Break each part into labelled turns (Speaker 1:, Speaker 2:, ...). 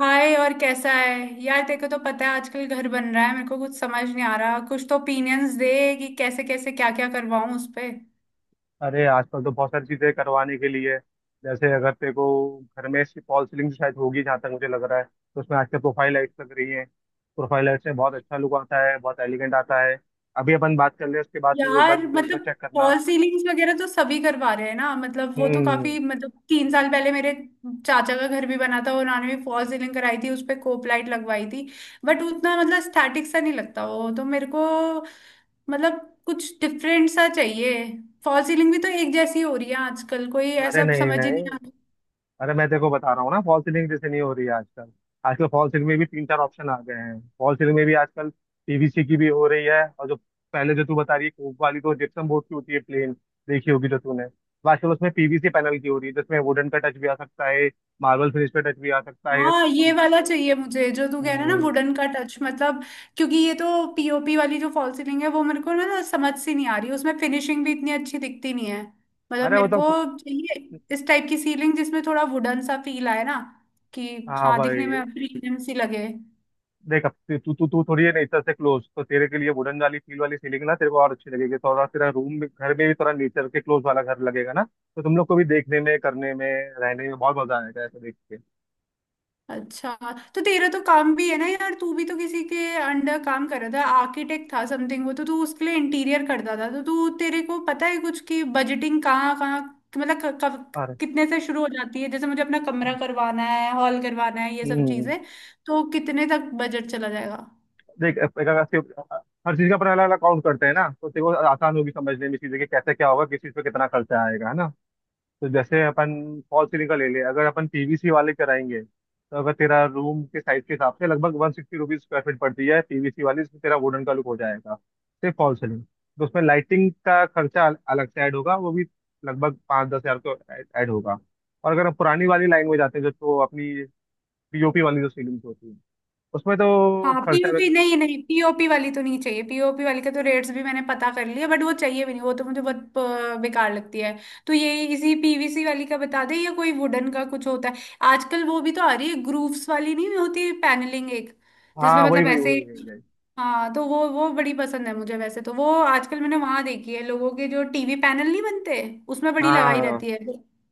Speaker 1: हाय, और कैसा है? यार, तेरे को तो पता है आजकल घर बन रहा है। मेरे को कुछ समझ नहीं आ रहा, कुछ तो ओपिनियंस दे कि कैसे कैसे क्या क्या करवाऊं उस पे।
Speaker 2: अरे आजकल तो बहुत सारी चीजें करवाने के लिए है। जैसे अगर तेरे को घर में इसकी फॉल सीलिंग शायद होगी, जहाँ तक मुझे लग रहा है, तो उसमें आजकल प्रोफाइल लाइट्स लग रही हैं। प्रोफाइल लाइट से बहुत अच्छा लुक आता है, बहुत एलिगेंट आता है। अभी अपन बात कर ले, उसके बाद तू एक बार
Speaker 1: यार,
Speaker 2: गूगल पे
Speaker 1: मतलब
Speaker 2: चेक करना।
Speaker 1: फॉल सीलिंग्स वगैरह तो सभी करवा रहे हैं ना, मतलब वो तो
Speaker 2: हम्म।
Speaker 1: काफी, मतलब 3 साल पहले मेरे चाचा का घर भी बना था, उन्होंने भी फॉल सीलिंग कराई थी, उस पे कोप लाइट लगवाई थी। बट उतना मतलब स्टैटिक सा नहीं लगता वो तो मेरे को। मतलब कुछ डिफरेंट सा चाहिए। फॉल सीलिंग भी तो एक जैसी हो रही है आजकल, कोई
Speaker 2: अरे
Speaker 1: ऐसा
Speaker 2: नहीं
Speaker 1: समझ ही
Speaker 2: नहीं,
Speaker 1: नहीं आ रहा।
Speaker 2: अरे मैं देखो बता रहा हूँ ना, फॉल सीलिंग जैसे नहीं हो रही है आजकल। आजकल फॉल सीलिंग में भी तीन चार ऑप्शन आ गए हैं, फॉल सीलिंग में भी आजकल पीवीसी की भी हो रही है। और जो पहले जो तू बता रही है कोप वाली, तो जिप्सम बोर्ड की होती है प्लेन, देखी होगी जो तूने। तो आजकल उसमें पीवीसी पैनल की हो रही है जिसमें वुडन का टच भी आ सकता है, मार्बल फिनिश पे टच भी आ सकता है।
Speaker 1: हाँ, ये वाला चाहिए मुझे, जो तू कह रहा है ना,
Speaker 2: हम्म।
Speaker 1: वुडन का टच, मतलब क्योंकि ये तो पीओपी वाली जो फॉल सीलिंग है वो मेरे को ना समझ सी नहीं आ रही, उसमें फिनिशिंग भी इतनी अच्छी दिखती नहीं है। मतलब
Speaker 2: अरे
Speaker 1: मेरे को
Speaker 2: मतलब।
Speaker 1: चाहिए इस टाइप की सीलिंग जिसमें थोड़ा वुडन सा फील आए ना कि।
Speaker 2: हाँ
Speaker 1: हाँ, दिखने
Speaker 2: भाई।
Speaker 1: में प्रीमियम सी लगे।
Speaker 2: देख, अब तू तू तू तू थोड़ी है नेचर से क्लोज, तो तेरे के लिए वुडन वाली फील वाली सीलिंग ना तेरे को और अच्छी लगेगी। थोड़ा तेरा रूम भी, घर में भी थोड़ा नेचर के क्लोज वाला घर लगेगा ना, तो तुम लोग को भी देखने में, करने में, रहने में बहुत मजा आएगा ऐसा देख के।
Speaker 1: अच्छा, तो तेरा तो काम भी है ना यार, तू भी तो किसी के अंडर काम कर रहा था, आर्किटेक्ट था समथिंग, वो तो तू उसके लिए इंटीरियर करता था, तो तू तेरे को पता है कुछ कि बजटिंग कहाँ कहाँ, मतलब कब
Speaker 2: अरे।
Speaker 1: कितने से शुरू हो जाती है? जैसे मुझे अपना कमरा करवाना है, हॉल करवाना है, ये सब
Speaker 2: हम्म।
Speaker 1: चीजें, तो कितने तक बजट चला जाएगा?
Speaker 2: देख, एक- हर चीज का अपना अलग अलग काउंट करते हैं ना, तो तेरे को आसान होगी समझने में चीजें कि कैसे क्या होगा, किस चीज पे कितना खर्चा आएगा, है ना। तो जैसे अपन फॉल सीलिंग का ले ले, अगर अपन पीवीसी वाले कराएंगे तो अगर तेरा रूम के साइज के हिसाब से लगभग 160 रुपीज स्क्वायर फीट पड़ती है पीवीसी वाली, जिसमें तेरा वुडन का लुक हो जाएगा। सिर्फ फॉल सीलिंग, तो उसमें लाइटिंग का खर्चा अलग से ऐड होगा, वो भी लगभग 5-10 हजार तो ऐड होगा। और अगर हम पुरानी वाली लाइन में जाते हैं, जो तो अपनी पीओपी वाली जो सीलिंग होती है, उसमें तो
Speaker 1: हाँ
Speaker 2: खर्चा।
Speaker 1: पीओपी, नहीं नहीं, पीओपी वाली तो नहीं चाहिए, पीओपी वाली के तो रेट्स भी मैंने पता कर लिए, बट वो चाहिए भी नहीं, वो तो मुझे बहुत बेकार लगती है। तो ये इसी पीवीसी वाली का बता दे, या कोई वुडन का कुछ होता है आजकल वो भी तो आ रही है, ग्रूव्स वाली नहीं होती पैनलिंग एक, जिसमें
Speaker 2: हाँ वही
Speaker 1: मतलब
Speaker 2: वही
Speaker 1: ऐसे।
Speaker 2: वही वही वही।
Speaker 1: हाँ तो वो बड़ी पसंद है मुझे, वैसे तो वो आजकल मैंने वहां देखी है लोगों के, जो टीवी पैनल नहीं बनते उसमें
Speaker 2: हाँ
Speaker 1: बड़ी
Speaker 2: हाँ
Speaker 1: लगाई
Speaker 2: हाँ हाँ।
Speaker 1: रहती है।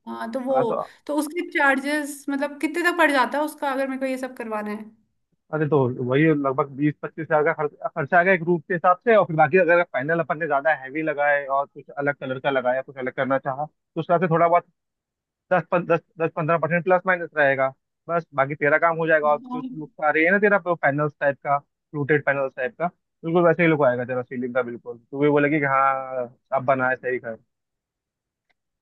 Speaker 1: हाँ तो
Speaker 2: हाँ,
Speaker 1: वो
Speaker 2: तो
Speaker 1: तो उसके चार्जेस मतलब कितने तक पड़ जाता है उसका, अगर मेरे को ये सब करवाना है?
Speaker 2: अरे, तो वही लगभग 20-25 हजार का खर्चा आ गया एक रूम के हिसाब से। और फिर बाकी अगर पैनल अपन ने ज्यादा हैवी लगाए और कुछ अलग कलर का लगाया, कुछ अलग करना चाहा, तो उस हिसाब से थोड़ा बहुत दस पन, दस दस पंद्रह परसेंट प्लस माइनस रहेगा। बस बाकी तेरा काम हो जाएगा। और जो
Speaker 1: हाँ।
Speaker 2: लुक आ रही है ना तेरा, पैनल्स टाइप का, फ्लूटेड पैनल्स टाइप का, बिल्कुल वैसे ही लुक आएगा तेरा सीलिंग का। बिल्कुल तू भी बोलेगी कि हाँ, अब बनाया सही।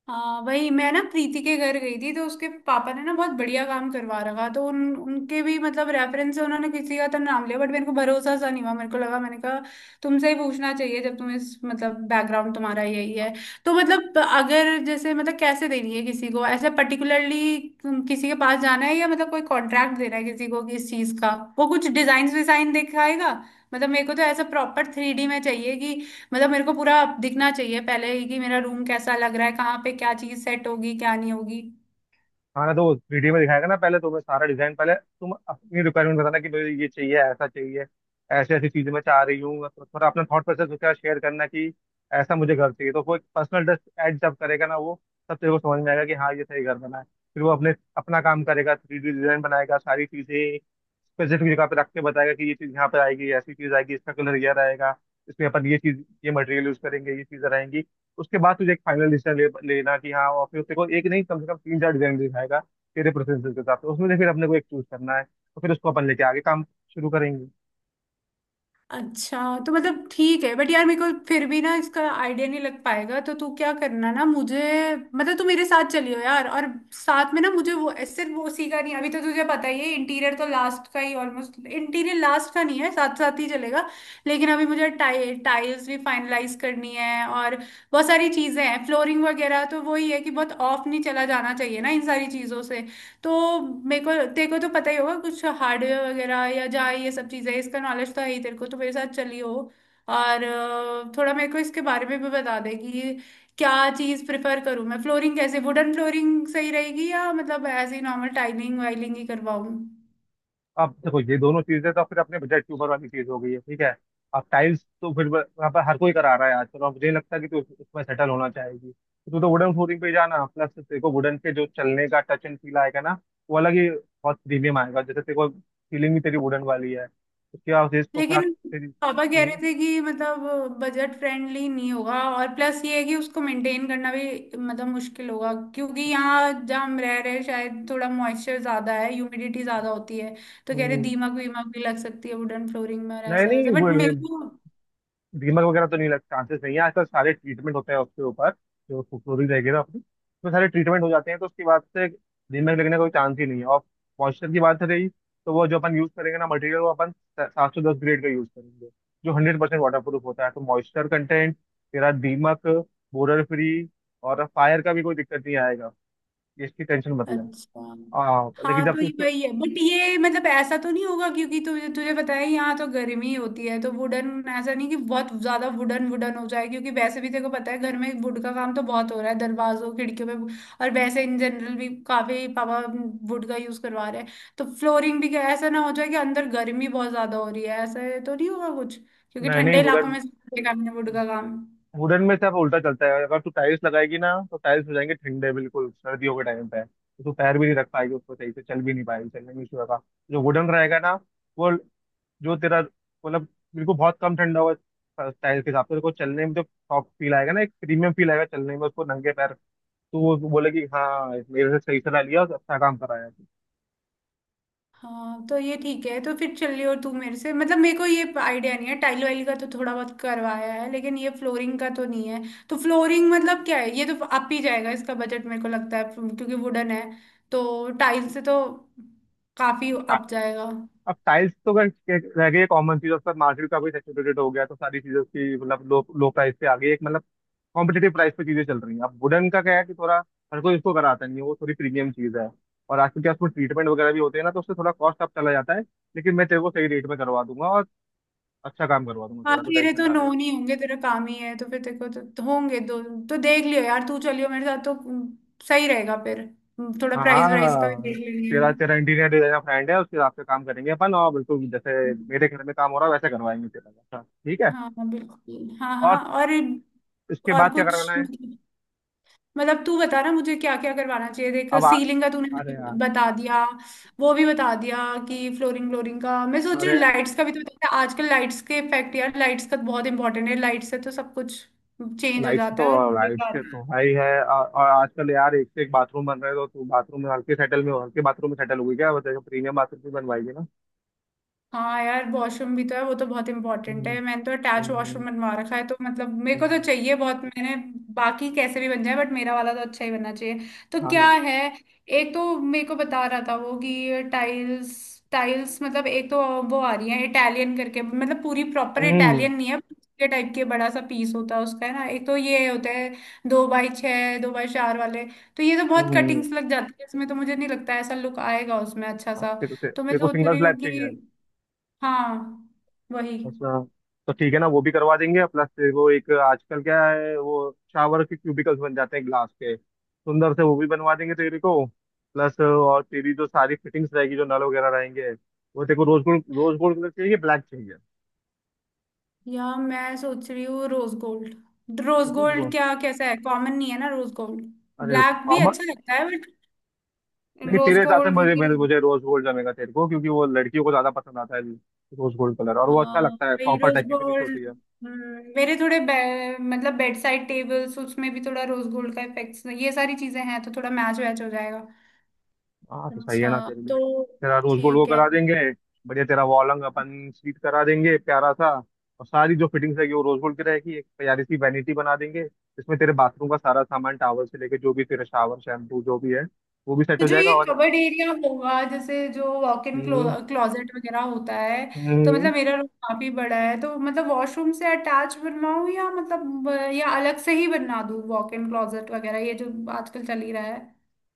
Speaker 1: हाँ, वही मैं ना प्रीति के घर गई थी, तो उसके पापा ने ना बहुत बढ़िया काम करवा रखा, तो उन उनके भी मतलब रेफरेंस से उन्होंने किसी का तो नाम लिया, बट मेरे को भरोसा सा नहीं हुआ, मेरे को लगा, मैंने कहा तुमसे ही पूछना चाहिए, जब तुम इस मतलब बैकग्राउंड तुम्हारा यही है। तो मतलब अगर जैसे, मतलब कैसे देनी है किसी को ऐसे पर्टिकुलरली, किसी के पास जाना है या मतलब कोई कॉन्ट्रैक्ट देना है किसी को किस चीज का? वो कुछ डिजाइन विजाइन दिखाएगा? मतलब मेरे को तो ऐसा प्रॉपर 3D में चाहिए कि, मतलब मेरे को पूरा दिखना चाहिए पहले ही कि मेरा रूम कैसा लग रहा है, कहाँ पे क्या चीज सेट होगी क्या नहीं होगी।
Speaker 2: हाँ ना, तो वीडियो में दिखाएगा ना पहले तुम्हें सारा डिजाइन। पहले तुम अपनी रिक्वायरमेंट बताना कि मुझे ये चाहिए, ऐसा चाहिए, ऐसी ऐसी चीजें मैं चाह रही हूँ। तो थोड़ा अपना थॉट प्रोसेस उसके साथ शेयर करना कि ऐसा मुझे घर चाहिए, तो कोई पर्सनल टच ऐड जब करेगा ना वो, तब तेरे को समझ में आएगा कि हाँ, ये सही घर बना है। फिर वो अपने अपना काम करेगा, 3D डिजाइन बनाएगा, सारी चीजें स्पेसिफिक जगह पे रख के बताएगा कि ये चीज यहाँ पे आएगी, ऐसी चीज आएगी, इसका कलर यह रहेगा, इसमें अपन ये चीज, ये मटेरियल यूज करेंगे, ये चीजें रहेंगी। उसके बाद तुझे एक फाइनल डिसीजन लेना कि हाँ। और फिर तेरे को एक नहीं, कम से कम तीन चार डिजाइन दिखाएगा तेरे प्रेफरेंसेस के हिसाब से। उसमें से फिर अपने को एक चूज करना है, तो फिर उसको अपन लेके आगे काम शुरू करेंगे।
Speaker 1: अच्छा, तो मतलब ठीक है, बट यार मेरे को फिर भी ना इसका आइडिया नहीं लग पाएगा, तो तू क्या करना ना मुझे, मतलब तू मेरे साथ चलियो यार। और साथ में ना मुझे वो, सिर्फ वो उसी का नहीं, अभी तो तुझे पता ही है, इंटीरियर तो लास्ट का ही, ऑलमोस्ट इंटीरियर लास्ट का नहीं है, साथ साथ ही चलेगा। लेकिन अभी मुझे टाइल्स भी फाइनलाइज करनी है, और बहुत सारी चीजें हैं, फ्लोरिंग वगैरह, तो वही है कि बहुत ऑफ नहीं चला जाना चाहिए ना इन सारी चीजों से। तो मेरे को, तेरे को तो पता ही होगा कुछ हार्डवेयर वगैरह या जहाँ ये सब चीज़ें, इसका नॉलेज तो है ही तेरे को, तो मेरे साथ चली हो और थोड़ा मेरे को इसके बारे में भी बता दे कि क्या चीज़ प्रेफर करूँ मैं? फ्लोरिंग कैसे, वुडन फ्लोरिंग सही रहेगी या मतलब ऐसे ही नॉर्मल टाइलिंग वाइलिंग ही करवाऊँ?
Speaker 2: अब देखो, ये दोनों चीजें तो फिर अपने बजट के ऊपर वाली चीज हो गई है, ठीक है। अब टाइल्स तो फिर वहाँ पर हर कोई करा रहा है आजकल, और मुझे नहीं लगता कि तू उसमें सेटल होना चाहेगी। तो तू तो वुडन फ्लोरिंग पे ही जाना, प्लस तेरे को वुडन के जो चलने का टच एंड फील आएगा ना, वो अलग ही बहुत प्रीमियम आएगा, जैसे तेरे को फीलिंग भी तेरी वुडन वाली है। उसके बाद उसको साथ
Speaker 1: लेकिन
Speaker 2: तेरी।
Speaker 1: पापा कह रहे
Speaker 2: हम्म।
Speaker 1: थे कि मतलब बजट फ्रेंडली नहीं होगा, और प्लस ये है कि उसको मेंटेन करना भी मतलब मुश्किल होगा, क्योंकि यहाँ जहाँ हम रह रहे हैं शायद थोड़ा मॉइस्चर ज्यादा है, ह्यूमिडिटी ज्यादा होती है। तो कह रहे
Speaker 2: हम्म,
Speaker 1: दीमक वीमक भी लग सकती है वुडन फ्लोरिंग में और
Speaker 2: नहीं
Speaker 1: ऐसा
Speaker 2: नहीं,
Speaker 1: वैसा,
Speaker 2: वो
Speaker 1: बट मेरे को।
Speaker 2: दीमक वगैरह तो नहीं लग, चांसेस नहीं है, आजकल सारे ट्रीटमेंट होते हैं उसके ऊपर। जो फ्लोरीन रहेगी ना अपनी, उसमें सारे ट्रीटमेंट हो जाते हैं, तो उसके बाद से दीमक लगने का कोई चांस ही नहीं है। और मॉइस्चर की बात रही, तो वो जो अपन यूज करेंगे ना मटेरियल, वो अपन 710 ग्रेड का यूज करेंगे, जो 100% वाटर प्रूफ होता है। तो मॉइस्चर कंटेंट, तेरा दीमक, बोरर फ्री, और फायर का भी कोई दिक्कत नहीं आएगा, इसकी टेंशन मतलब।
Speaker 1: अच्छा।
Speaker 2: हाँ लेकिन
Speaker 1: हाँ
Speaker 2: जब
Speaker 1: तो
Speaker 2: तू
Speaker 1: ये
Speaker 2: उसको।
Speaker 1: वही है, बट ये मतलब ऐसा तो नहीं होगा क्योंकि तुझे तुझे पता है यहाँ तो गर्मी होती है तो वुडन, ऐसा नहीं कि बहुत ज्यादा वुडन वुडन हो जाए, क्योंकि वैसे भी तेरे को पता है घर में वुड का काम तो बहुत हो रहा है दरवाजों खिड़कियों पे। और वैसे इन जनरल भी काफी पापा वुड का यूज करवा रहे हैं, तो फ्लोरिंग भी क्या ऐसा ना हो जाए कि अंदर गर्मी बहुत ज्यादा हो रही है? ऐसा तो नहीं होगा कुछ, क्योंकि
Speaker 2: नहीं नहीं,
Speaker 1: ठंडे इलाकों
Speaker 2: वुडन,
Speaker 1: में सबसे काम है वुड का काम।
Speaker 2: वुडन में सिर्फ उल्टा चलता है। अगर तू टाइल्स लगाएगी ना, तो टाइल्स हो जाएंगे ठंडे बिल्कुल सर्दियों के टाइम पे, तो तू पैर भी नहीं रख पाएगी उसको, सही से चल भी नहीं पाएगी, चलने में इशू होगा। जो वुडन रहेगा ना, वो जो तेरा मतलब, बिल्कुल बहुत कम ठंडा होगा टाइल्स के हिसाब से। तेरे को चलने में जो सॉफ्ट फील आएगा ना, एक प्रीमियम फील आएगा चलने में उसको नंगे पैर, तो वो बोलेगी हाँ, मेरे से सही सलाह लिया और अच्छा काम कराया।
Speaker 1: हाँ तो ये ठीक है, तो फिर चल। और तू मेरे से, मतलब मेरे को ये आइडिया नहीं है, टाइल वाइल का तो थोड़ा बहुत करवाया है, लेकिन ये फ्लोरिंग का तो नहीं है। तो फ्लोरिंग मतलब क्या है? ये तो अप ही जाएगा इसका बजट मेरे को लगता है, क्योंकि वुडन है तो टाइल से तो काफी
Speaker 2: टा-
Speaker 1: अप जाएगा।
Speaker 2: अब टाइल्स तो अगर रह गई कॉमन चीज, उसका मार्केट का भी सैचुरेटेड हो गया, तो सारी चीजों की मतलब लो लो प्राइस पे आ गई, एक मतलब कॉम्पिटेटिव प्राइस पे चीजें चल रही हैं। अब वुडन का क्या है कि थोड़ा हर कोई इसको कराता नहीं है, वो थोड़ी प्रीमियम चीज है। और आजकल क्या, उसमें ट्रीटमेंट वगैरह भी होते हैं ना, तो उससे थोड़ा कॉस्ट अप चला जाता है। लेकिन मैं तेरे को सही रेट में करवा दूंगा और अच्छा काम करवा दूंगा,
Speaker 1: हाँ,
Speaker 2: तेरा तो
Speaker 1: तेरे
Speaker 2: टेंशन
Speaker 1: तो
Speaker 2: ना
Speaker 1: नो
Speaker 2: ले।
Speaker 1: नहीं होंगे, तेरा काम ही है, तो फिर तेरे को तो होंगे दो। तो देख लियो यार, तू चलियो मेरे साथ तो सही रहेगा, फिर थोड़ा प्राइस वाइज का भी
Speaker 2: हाँ,
Speaker 1: देख लेंगे, है
Speaker 2: तेरा
Speaker 1: ना?
Speaker 2: तेरा इंटीरियर डिजाइनर फ्रेंड है, उसके हिसाब से काम करेंगे अपन, और बिल्कुल जैसे मेरे घर में काम हो रहा है वैसे करवाएंगे तेरा, अच्छा ठीक है।
Speaker 1: हाँ हाँ, बिल्कुल, हाँ
Speaker 2: और
Speaker 1: हाँ।
Speaker 2: इसके
Speaker 1: और
Speaker 2: बाद क्या
Speaker 1: कुछ
Speaker 2: करवाना है?
Speaker 1: मतलब तू बता ना मुझे, क्या क्या करवाना चाहिए? देख,
Speaker 2: अब
Speaker 1: सीलिंग का तूने
Speaker 2: अरे
Speaker 1: मुझे
Speaker 2: यार,
Speaker 1: बता दिया, वो भी बता दिया, कि फ्लोरिंग, फ्लोरिंग का मैं सोच रही
Speaker 2: अरे
Speaker 1: हूँ। लाइट्स का भी तो बता, आजकल लाइट्स के इफेक्ट यार, लाइट्स का तो बहुत इंपॉर्टेंट है, लाइट से तो सब कुछ चेंज हो
Speaker 2: लाइट्स
Speaker 1: जाता
Speaker 2: तो,
Speaker 1: है, और
Speaker 2: लाइट्स
Speaker 1: बेकार।
Speaker 2: के तो भाई है, और आजकल यार एक से एक बाथरूम बन रहे हैं, तो तू बाथरूम में हल्के सेटल में, हल्के बाथरूम में सेटल हुई क्या? बताइए, प्रीमियम बाथरूम भी बनवाएगी ना।
Speaker 1: हाँ यार, वॉशरूम भी तो है, वो तो बहुत इंपॉर्टेंट
Speaker 2: हम्म,
Speaker 1: है, मैंने तो अटैच
Speaker 2: हम्म,
Speaker 1: वॉशरूम बनवा रखा है, तो मतलब मेरे को तो
Speaker 2: हम्म।
Speaker 1: चाहिए बहुत, मैंने बाकी कैसे भी बन जाए, बट मेरा वाला तो अच्छा ही बनना चाहिए। तो
Speaker 2: हाँ
Speaker 1: क्या
Speaker 2: ना।
Speaker 1: है, एक तो मेरे को बता रहा था वो कि टाइल्स टाइल्स, मतलब एक तो वो आ रही है इटालियन करके, मतलब पूरी प्रॉपर
Speaker 2: हम्म,
Speaker 1: इटालियन नहीं है, के टाइप के बड़ा सा पीस होता है उसका, है ना? एक तो ये होता है दो बाई छः, दो बाई चार वाले, तो ये तो
Speaker 2: हम्म,
Speaker 1: बहुत कटिंग्स लग जाती है इसमें तो, मुझे नहीं लगता ऐसा लुक आएगा उसमें अच्छा सा।
Speaker 2: तेरे को
Speaker 1: तो मैं
Speaker 2: तेरे को
Speaker 1: सोच
Speaker 2: सिंगल
Speaker 1: रही
Speaker 2: स्लैब
Speaker 1: हूँ
Speaker 2: चाहिए?
Speaker 1: कि हाँ वही।
Speaker 2: अच्छा, तो ठीक है ना, वो भी करवा देंगे। प्लस तेरे को एक आजकल क्या है, वो शावर के क्यूबिकल्स बन जाते हैं ग्लास के सुंदर से, वो भी बनवा देंगे तेरे को। प्लस और तेरी जो सारी फिटिंग्स रहेगी, जो नल वगैरह रहेंगे, वो तेरे को rose gold, rose gold colour चाहिए, ब्लैक चाहिए?
Speaker 1: यार मैं सोच रही हूँ, rose gold, rose
Speaker 2: rose
Speaker 1: gold
Speaker 2: gold.
Speaker 1: क्या कैसा है? कॉमन नहीं है ना रोज गोल्ड?
Speaker 2: अरे
Speaker 1: ब्लैक भी
Speaker 2: आमा।
Speaker 1: अच्छा लगता है, बट
Speaker 2: नहीं,
Speaker 1: रोज
Speaker 2: तेरे हिसाब से
Speaker 1: गोल्ड
Speaker 2: मुझे,
Speaker 1: मुझे-
Speaker 2: मुझे रोज गोल्ड जमेगा तेरे को, क्योंकि वो लड़कियों को ज्यादा पसंद आता है रोज गोल्ड कलर, और वो अच्छा
Speaker 1: हाँ,
Speaker 2: लगता है,
Speaker 1: वही
Speaker 2: कॉपर
Speaker 1: रोज
Speaker 2: टाइप की फिनिश
Speaker 1: गोल्ड।
Speaker 2: होती है।
Speaker 1: मेरे मतलब बेड साइड टेबल्स उसमें भी थोड़ा रोज गोल्ड का इफेक्ट्स, ये सारी चीजें हैं, तो थोड़ा मैच वैच हो जाएगा।
Speaker 2: हाँ, तो सही है ना,
Speaker 1: अच्छा,
Speaker 2: तेरे लिए
Speaker 1: तो
Speaker 2: तेरा रोज गोल्ड वो
Speaker 1: ठीक है।
Speaker 2: करा देंगे। बढ़िया, तेरा वॉलंग अपन स्वीट करा देंगे प्यारा सा, और सारी जो फिटिंग्स है वो रोज गोल्ड की रहेगी। एक प्यारी सी वैनिटी बना देंगे जिसमें तेरे बाथरूम का सारा सामान, टावल से लेके जो भी, तेरा शावर, शैम्पू जो भी है, वो भी सेट
Speaker 1: तो
Speaker 2: हो
Speaker 1: जो ये
Speaker 2: जाएगा। और
Speaker 1: कबर्ड एरिया होगा, जैसे जो वॉक इन
Speaker 2: हम्म
Speaker 1: क्लोजेट वगैरह होता है, तो
Speaker 2: हम्म,
Speaker 1: मतलब मेरा रूम काफी बड़ा है, तो मतलब वॉशरूम से अटैच बनवाऊं या मतलब या अलग से ही बनवा दूं, वॉक इन क्लोजेट वगैरह ये जो आजकल चल ही रहा है,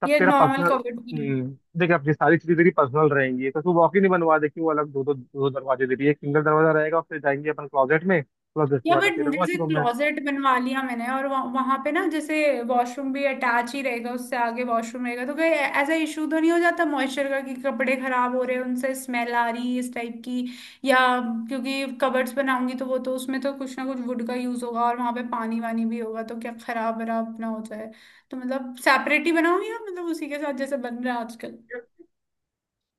Speaker 2: सब
Speaker 1: ये
Speaker 2: तेरा
Speaker 1: नॉर्मल
Speaker 2: पर्सनल।
Speaker 1: कबर्ड,
Speaker 2: देख, अब ये सारी चीजें तेरी पर्सनल रहेंगी, तो तू वॉक ही नहीं बनवा दे क्यों अलग? दो दो दो दरवाजे दे रही है, एक सिंगल दरवाजा रहेगा और फिर जाएंगे अपन क्लोजेट में, प्लस उसके
Speaker 1: या
Speaker 2: बाद
Speaker 1: बट
Speaker 2: तेरा
Speaker 1: जैसे
Speaker 2: वॉशरूम में।
Speaker 1: क्लोजेट बनवा लिया मैंने और वहां पे ना जैसे वॉशरूम भी अटैच ही रहेगा, उससे आगे वॉशरूम रहेगा, तो कोई ऐसा इशू तो नहीं हो जाता मॉइस्चर का कि कपड़े खराब हो रहे हैं उनसे स्मेल आ रही है इस टाइप की? या क्योंकि कबर्ड्स बनाऊंगी तो वो तो उसमें तो कुछ ना कुछ वुड का यूज होगा, और वहां पे पानी वानी भी होगा, तो क्या खराब वराब ना हो जाए? तो मतलब सेपरेट ही बनाऊंगी या मतलब उसी के साथ जैसे बन रहा है आजकल?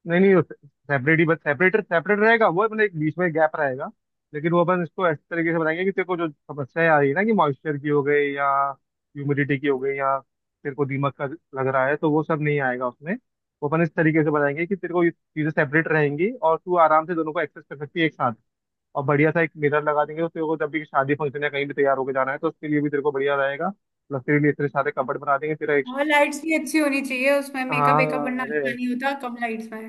Speaker 2: नहीं नहीं, वो सेपरेट ही, बस सेपरेट सेपरेट रहेगा, वो अपने एक बीच में गैप रहेगा। लेकिन वो अपन इसको ऐसे तरीके से बनाएंगे कि तेरे को जो समस्याएं आ रही है ना, कि मॉइस्चर की हो गई, या ह्यूमिडिटी की हो गई, या तेरे को दीमक का लग रहा है, तो वो सब नहीं आएगा उसमें। वो अपन इस तरीके से बनाएंगे कि तेरे को ये चीजें सेपरेट रहेंगी, और तू आराम से दोनों को एक्सेस कर सकती है एक साथ। और बढ़िया सा एक मिरर लगा देंगे, तो तेरे को जब भी शादी फंक्शन या कहीं भी तैयार होकर जाना है, तो उसके लिए भी तेरे को बढ़िया रहेगा। प्लस तेरे लिए इतने सारे कपबोर्ड बना देंगे तेरा एक।
Speaker 1: और लाइट्स भी अच्छी होनी चाहिए उसमें, मेकअप वेकअप
Speaker 2: हाँ,
Speaker 1: बनना
Speaker 2: अरे,
Speaker 1: अच्छा नहीं होता कम लाइट्स में।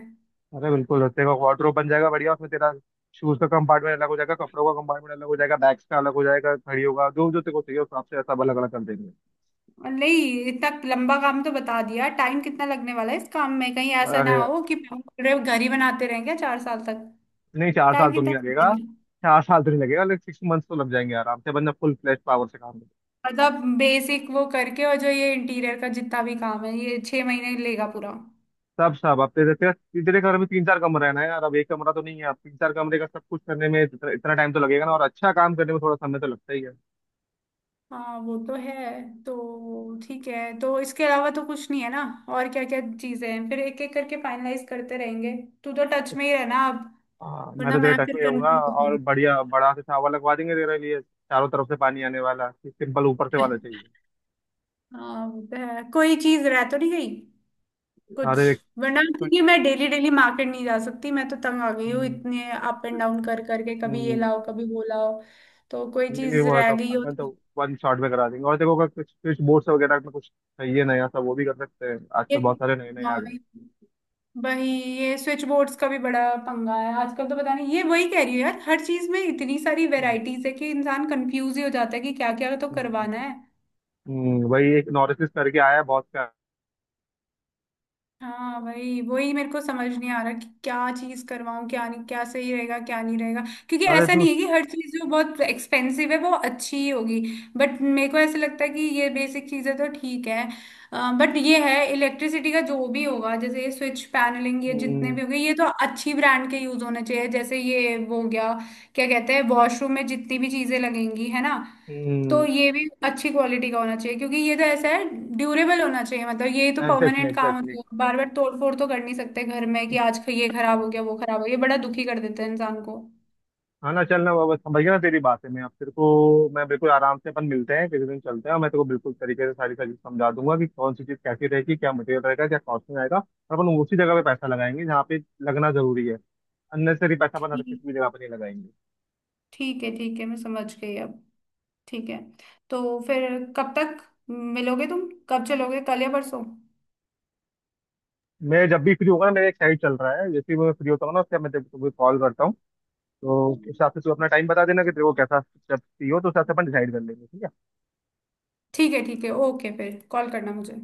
Speaker 2: अरे बिल्कुल, तेरा वार्डरोब बन जाएगा बढ़िया, उसमें तेरा शूज का कंपार्टमेंट अलग हो जाएगा, कपड़ों का कंपार्टमेंट अलग हो जाएगा, बैग्स का अलग हो जाएगा, घड़ी होगा, जो जो तेरे को चाहिए उस हिसाब से सब अलग अलग कर देंगे।
Speaker 1: नहीं, इतना लंबा काम तो बता दिया, टाइम कितना लगने वाला है इस काम में? कहीं ऐसा ना
Speaker 2: अरे
Speaker 1: हो कि पूरे घर ही बनाते रहेंगे 4 साल तक।
Speaker 2: नहीं, चार
Speaker 1: टाइम
Speaker 2: साल तो नहीं
Speaker 1: कितना
Speaker 2: लगेगा।
Speaker 1: लगेगा?
Speaker 2: 4 साल तो नहीं लगेगा, लेकिन 6 मंथ्स तो लग जाएंगे आराम से, बंदा फुल फ्लैश पावर से काम।
Speaker 1: मतलब बेसिक वो करके और जो ये इंटीरियर का जितना भी काम है, ये 6 महीने लेगा पूरा?
Speaker 2: सब सब, अब तेरे तेरे तेरे घर में तीन चार कमरे हैं ना यार, अब एक कमरा तो नहीं है। अब तीन चार कमरे का सब कुछ करने में इतना इतना टाइम तो लगेगा ना, और अच्छा काम करने में थोड़ा समय तो लगता ही है।
Speaker 1: हाँ, वो तो है। तो ठीक है, तो इसके अलावा तो कुछ नहीं है ना? और क्या क्या चीजें हैं, फिर एक एक करके फाइनलाइज करते रहेंगे। तू तो टच में ही रहना अब,
Speaker 2: हाँ मैं
Speaker 1: वरना
Speaker 2: तो तेरे
Speaker 1: मैं
Speaker 2: टक
Speaker 1: फिर
Speaker 2: में होऊंगा,
Speaker 1: कंफ्यूज
Speaker 2: और
Speaker 1: हूँ।
Speaker 2: बढ़िया बड़ा से शावर लगवा देंगे तेरे लिए, चारों तरफ से पानी आने वाला, सिंपल ऊपर से वाला चाहिए।
Speaker 1: हाँ, वो तो है। कोई चीज रह तो नहीं गई कुछ,
Speaker 2: अरे
Speaker 1: वरना क्योंकि
Speaker 2: कुछ।
Speaker 1: मैं डेली डेली मार्केट नहीं जा सकती, मैं तो तंग आ गई हूँ
Speaker 2: हम्म,
Speaker 1: इतने अप एंड डाउन कर करके, कभी ये
Speaker 2: हम्म,
Speaker 1: लाओ कभी वो लाओ। तो कोई
Speaker 2: नहीं नहीं
Speaker 1: चीज
Speaker 2: वो है,
Speaker 1: रह
Speaker 2: तो
Speaker 1: गई हो
Speaker 2: अपन तो
Speaker 1: तो?
Speaker 2: वन शॉट में करा देंगे, और देखो अगर कुछ स्विच बोर्ड्स वगैरह में कुछ चाहिए नया सब, वो भी कर सकते हैं,
Speaker 1: ये
Speaker 2: आजकल बहुत सारे नए नए आ
Speaker 1: हाँ,
Speaker 2: गए।
Speaker 1: वही, ये स्विच बोर्ड्स का भी बड़ा पंगा है आजकल, तो पता नहीं, ये वही कह रही हूँ यार, हर चीज में इतनी सारी वेराइटीज है कि इंसान कंफ्यूज ही हो जाता है कि क्या क्या तो करवाना
Speaker 2: हम्म,
Speaker 1: है।
Speaker 2: वही एक नॉरिस करके आया है बहुत।
Speaker 1: हाँ वही वही मेरे को समझ नहीं आ रहा कि क्या चीज करवाऊँ क्या नहीं, क्या सही रहेगा क्या नहीं रहेगा, क्योंकि
Speaker 2: अरे
Speaker 1: ऐसा
Speaker 2: तू।
Speaker 1: नहीं है कि हर चीज जो बहुत एक्सपेंसिव है वो अच्छी ही होगी। बट मेरे को ऐसा लगता है कि ये बेसिक चीजें तो ठीक है, बट ये है इलेक्ट्रिसिटी का जो भी होगा, जैसे ये स्विच पैनलिंग, ये जितने
Speaker 2: हम्म,
Speaker 1: भी हो गए, ये तो अच्छी ब्रांड के यूज होने चाहिए। जैसे ये वो हो गया क्या कहते हैं, वॉशरूम में जितनी भी चीजें लगेंगी है ना, तो
Speaker 2: हम्म,
Speaker 1: ये भी अच्छी क्वालिटी का होना चाहिए, क्योंकि ये तो ऐसा है, ड्यूरेबल होना चाहिए, मतलब ये तो
Speaker 2: एग्जैक्टली,
Speaker 1: परमानेंट काम होता
Speaker 2: एग्जैक्टली।
Speaker 1: है, बार बार तोड़ फोड़ तो कर नहीं सकते घर में कि आज ये खराब हो गया वो खराब हो गया, बड़ा दुखी कर देता है इंसान को।
Speaker 2: आना चलना बाबा, समझ गया ना तेरी बात है। मैं अब तेरे को, मैं बिल्कुल आराम से अपन मिलते हैं किसी दिन, चलते हैं, और मैं तेरे को बिल्कुल तरीके से सारी चीज समझा दूंगा कि कौन सी चीज कैसी रहेगी, क्या मटेरियल रहेगा, क्या कॉस्टिंग आएगा, और अपन उसी जगह पे पैसा लगाएंगे जहाँ पे लगना जरूरी है। अननेसरी पैसा अपन हर
Speaker 1: ठीक,
Speaker 2: किसी भी जगह पर नहीं लगाएंगे।
Speaker 1: ठीक है, ठीक है, मैं समझ गई अब। ठीक है, तो फिर कब तक मिलोगे तुम, कब चलोगे कल या परसों?
Speaker 2: मैं जब भी फ्री होगा ना, मेरा एक साइड चल रहा है, जैसे ही मैं फ्री होता हूँ ना, उससे मैं तेरे को कॉल करता हूँ। तो उस हिसाब से तू अपना टाइम बता देना कि तेरे को कैसा स्टेप चाहिए हो, तो उस हिसाब से अपन डिसाइड कर लेंगे, ठीक है।
Speaker 1: ठीक है ठीक है, ओके, फिर कॉल करना मुझे।